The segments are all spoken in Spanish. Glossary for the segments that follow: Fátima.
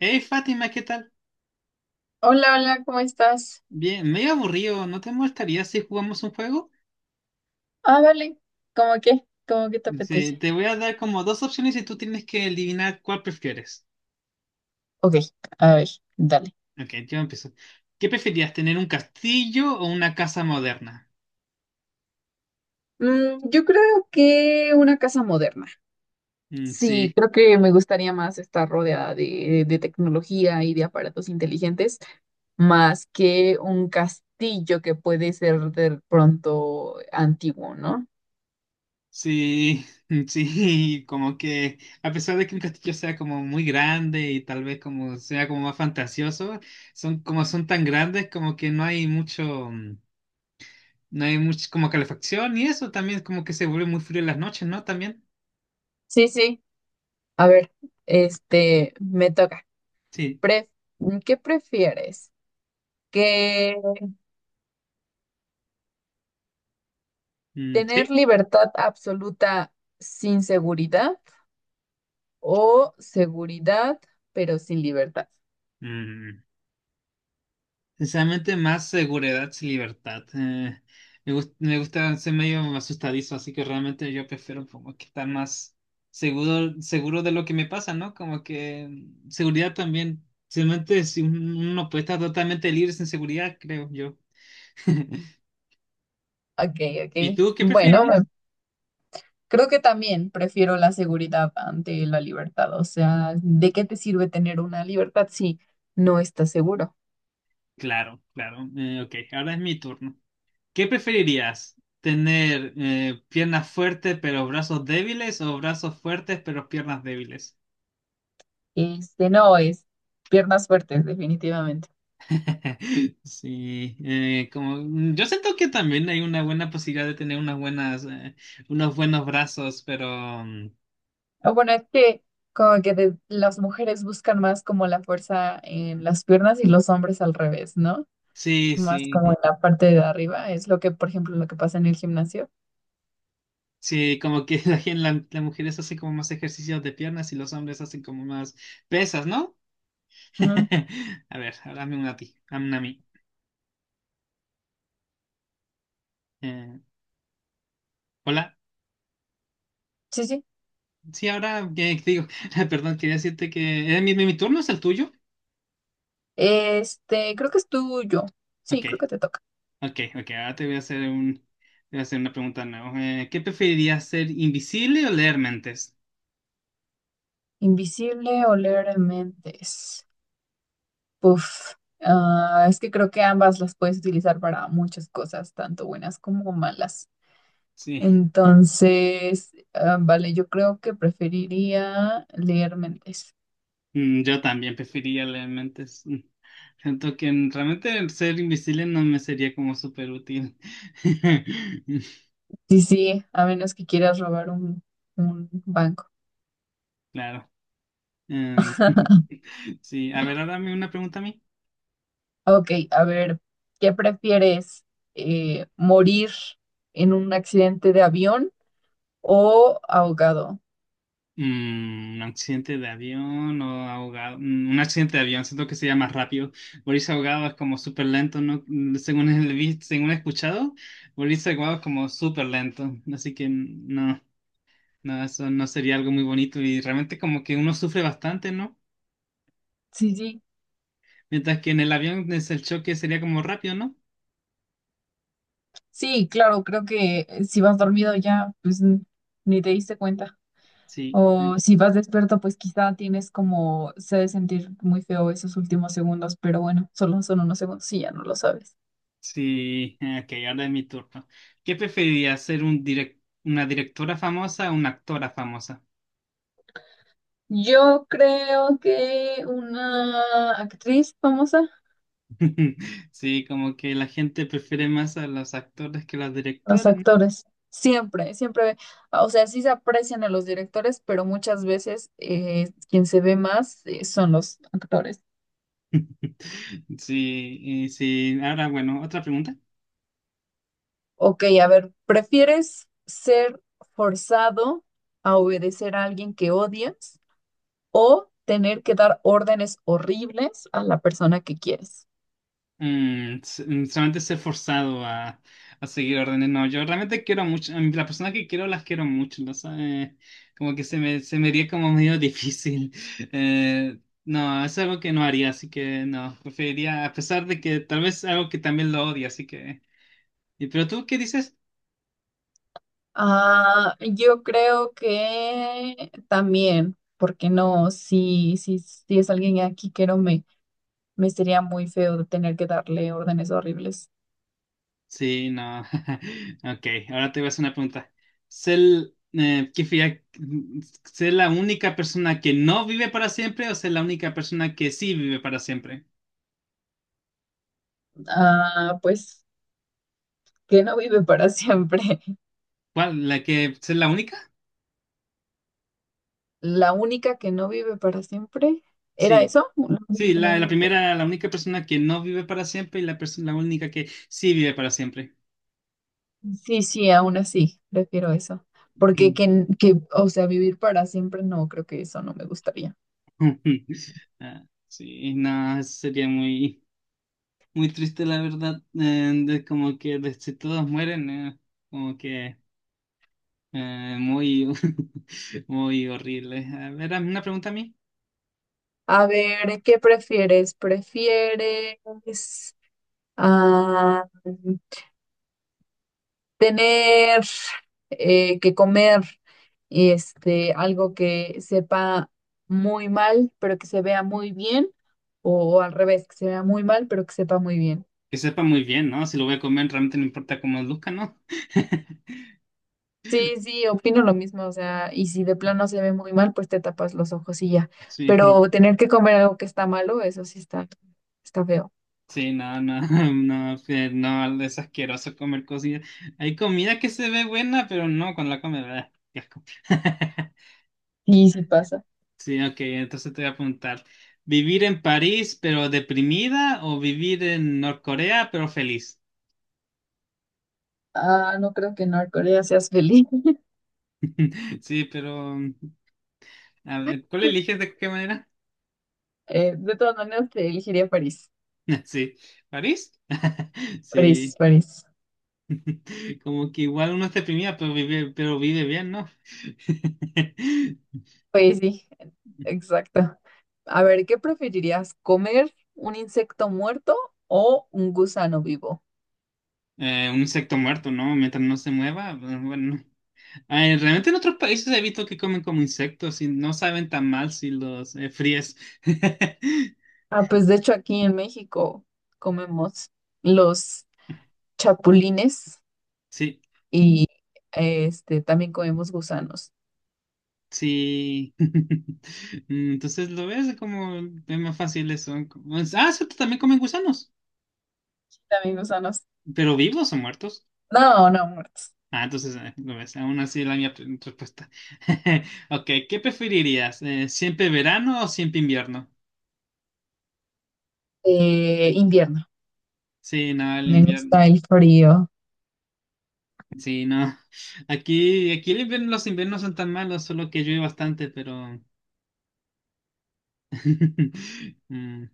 Hey Fátima, ¿qué tal? Hola, hola, ¿cómo estás? Bien, medio aburrido, ¿no te molestaría si jugamos un juego? Ah, vale. ¿Cómo qué? ¿Cómo que te apetece? Dice, te voy a dar como dos opciones y tú tienes que adivinar cuál prefieres. Ok, a ver, dale. Ok, yo empiezo. ¿Qué preferías, tener un castillo o una casa moderna? Yo creo que una casa moderna. Mm, Sí, sí, creo que me gustaría más estar rodeada de tecnología y de aparatos inteligentes, más que un castillo que puede ser de pronto antiguo, ¿no? sí, sí, como que a pesar de que un castillo sea como muy grande y tal vez como sea como más fantasioso, son como son tan grandes como que no hay mucho, no hay mucho como calefacción y eso también como que se vuelve muy frío en las noches, ¿no? También. Sí, sí. A ver, este, me toca. Sí, Pref- ¿Qué prefieres? Que sí. ¿Tener libertad absoluta sin seguridad o seguridad pero sin libertad? Mm, Sinceramente, más seguridad y libertad. Me gusta ser medio asustadizo, así que realmente yo prefiero como que estar más seguro, seguro de lo que me pasa, ¿no? Como que seguridad también. Simplemente si un- uno puede estar totalmente libre sin seguridad, creo yo. Ok, ok. ¿Y tú qué preferirías? Creo que también prefiero la seguridad ante la libertad. O sea, ¿de qué te sirve tener una libertad si no estás seguro? Claro, claro. Ok, ahora es mi turno. ¿Qué preferirías? ¿Tener piernas fuertes pero brazos débiles o brazos fuertes pero piernas débiles? Este no es piernas fuertes, definitivamente. Sí, como yo siento que también hay una buena posibilidad de tener unas buenas, unos buenos brazos, pero mm. O bueno, es que como que las mujeres buscan más como la fuerza en las piernas y los hombres al revés, ¿no? Sí, Más sí, como en la parte de arriba, es lo que, por ejemplo, lo que pasa en el gimnasio. sí, como que las mujeres hacen como más ejercicios de piernas y los hombres hacen como más pesas, ¿no? Ujú. A ver, ahora hazme una a ti, hazme una a mí. Eh, hola. Sí, sí. Sí, ahora que digo, perdón, quería decirte que mi turno es el tuyo. Este, creo que es tuyo. Sí, Ok, creo que te toca. ok, ok. Ahora te voy a hacer una pregunta nueva. ¿Qué preferirías ser invisible o leer mentes? ¿Invisible o leer mentes? Uf. Ah, es que creo que ambas las puedes utilizar para muchas cosas, tanto buenas como malas. Sí, Entonces, ah, vale, yo creo que preferiría leer mentes. Yo también preferiría leer mentes. Siento que realmente el ser invisible no me sería como súper útil. Sí, sí, a menos que quieras robar un banco. Claro. Em, sí, a ver, ahora me una pregunta a mí. Ok, a ver, ¿qué prefieres? ¿Morir en un accidente de avión o ahogado? Mm, un accidente de avión o ahogado. Mm, un accidente de avión, siento que sería más rápido. Morirse ahogado es como súper lento, ¿no? Según he visto, según he escuchado, morirse ahogado es como súper lento. Así que no, no, eso no sería algo muy bonito y realmente como que uno sufre bastante, ¿no? Sí, sí, Mientras que en el avión es el choque sería como rápido, ¿no? sí, claro, creo que si vas dormido ya, ni te diste cuenta. Sí, O si vas despierto, pues quizá tienes como, se ha de sentir muy feo esos últimos segundos, pero bueno, solo son unos segundos y ya no lo sabes. sí. Ok, ahora es mi turno. ¿Qué preferirías, ser una directora famosa o una actora famosa? Yo creo que una actriz famosa. Sí, como que la gente prefiere más a los actores que a los Los directores, ¿no? actores, siempre, siempre, o sea, sí se aprecian a los directores, pero muchas veces quien se ve más son los actores. Sí, y sí. Ahora, bueno, otra pregunta. Ok, a ver, ¿prefieres ser forzado a obedecer a alguien que odias o tener que dar órdenes horribles a la persona que quieres? Solamente a seguir órdenes. No, yo realmente quiero mucho, a mí las personas que quiero las quiero mucho, ¿no? ¿Sabes? Como que se me haría como medio difícil. Eh, no, es algo que no haría, así que no, preferiría, a pesar de que tal vez algo que también lo odia, así que... ¿Y pero tú qué dices? Ah, yo creo que también, porque no, si es alguien aquí que no me, me sería muy feo de tener que darle órdenes horribles. Sí, no. Ok, ahora te voy a hacer una pregunta. ¿Sé, el- qué fía- ¿sé la única persona que no vive para siempre o ser la única persona que sí vive para siempre? Ah, pues que no vive para siempre. ¿Cuál? ¿La que ser la única? La única que no vive para siempre, ¿era Sí. eso? La única Sí, que no la vive primera, la única persona que no vive para siempre y la única que sí vive para siempre. sí. Sí, aún así, prefiero eso. Porque o sea, vivir para siempre, no, creo que eso no me gustaría. Ah, sí, no, sería muy, muy triste la verdad, de como que si todos mueren, como que... muy, muy horrible. A ver, una pregunta a mí. A ver, ¿qué prefieres? ¿Prefieres ah, tener que comer este, algo que sepa muy mal, pero que se vea muy bien, o, al revés, que se vea muy mal, pero que sepa muy bien? Que sepa muy bien, ¿no? Si lo voy a comer, realmente no importa cómo luzca, ¿no? Sí, sí, opino lo mismo, o sea, y si de plano se ve muy mal, pues te tapas los ojos y ya. Sí, Pero tener que comer algo que está malo, eso sí está feo. sí, no, no, no, sí, no, es asqueroso comer cosas. Hay comida que se ve buena, pero no, cuando la comes, ah, qué asco. Sí, sí pasa. Sí, ok, entonces te voy a preguntar, ¿vivir en París pero deprimida o vivir en Norcorea pero feliz? Ah, no creo que en Corea seas feliz. Sí, pero, a ver, ¿cuál eliges de qué manera? De todas maneras, te elegiría París. Sí, ¿París? París, Sí, París. como que igual uno está deprimida, pero vive bien, ¿no? Pues sí, exacto. A ver, ¿qué preferirías? ¿Comer un insecto muerto o un gusano vivo? Un insecto muerto, ¿no? Mientras no se mueva, pues, bueno. Ay, realmente en otros países he visto que comen como insectos y no saben tan mal si los fríes. Ah, pues de hecho aquí en México comemos los chapulines Sí, y este también comemos gusanos. sí. Entonces lo ves como es más fácil eso. Como- es- Ah, cierto, también comen gusanos, También gusanos. pero vivos o muertos. No, no, muertos. Ah, entonces, no ves, aún así la mía respuesta. Ok, ¿qué preferirías? ¿Siempre verano o siempre invierno? Invierno. Sí, no, el Me invierno. gusta el frío. Sí, no. Aquí, aquí el invierno, los inviernos son tan malos, solo que llueve bastante, pero. Mm,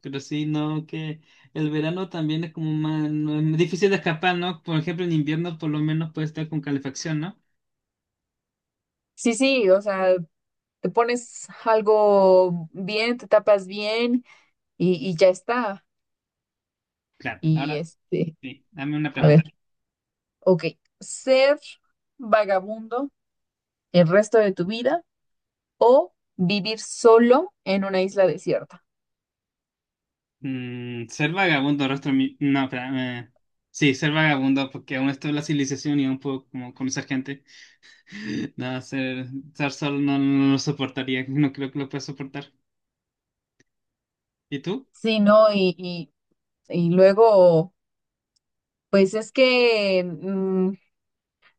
Pero sí, no, que el verano también es como más, no, es difícil de escapar, ¿no? Por ejemplo, en invierno por lo menos puede estar con calefacción, ¿no? Sí, sí, o sea, te pones algo bien, te tapas bien y ya está. Claro, Y ahora este, sí, dame una a pregunta. ver. Ok, ser vagabundo el resto de tu vida o vivir solo en una isla desierta. Mm, ser vagabundo rastro mi... No, espera. eh, Sí, ser vagabundo porque aún está la civilización y aún puedo como conocer gente. No, estar solo no, no lo soportaría. No creo que lo pueda soportar. ¿Y tú? Sí, ¿no? Y luego, pues es que,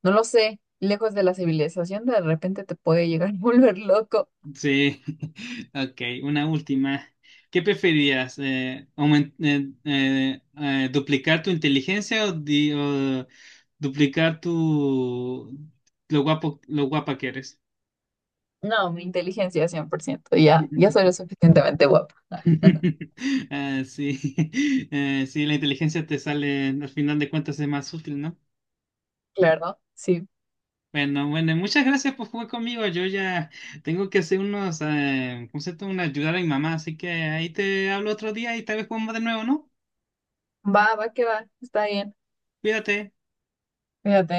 no lo sé, lejos de la civilización de repente te puede llegar a volver loco. Sí. Ok, una última. ¿Qué preferirías? ¿Duplicar tu inteligencia o, duplicar tu... lo guapa que eres? No, mi inteligencia cien por ciento. Ya, ya soy lo suficientemente guapa. Ah, sí, sí, la inteligencia te sale, al final de cuentas es más útil, ¿no? Claro, sí. Bueno, bueno, muchas gracias por jugar conmigo. Yo ya tengo que hacer unos, ¿cómo se llama? Una ayudar a mi mamá, así que ahí te hablo otro día y tal vez jugamos de nuevo, ¿no? Va, va que va, está bien. Cuídate. Fíjate,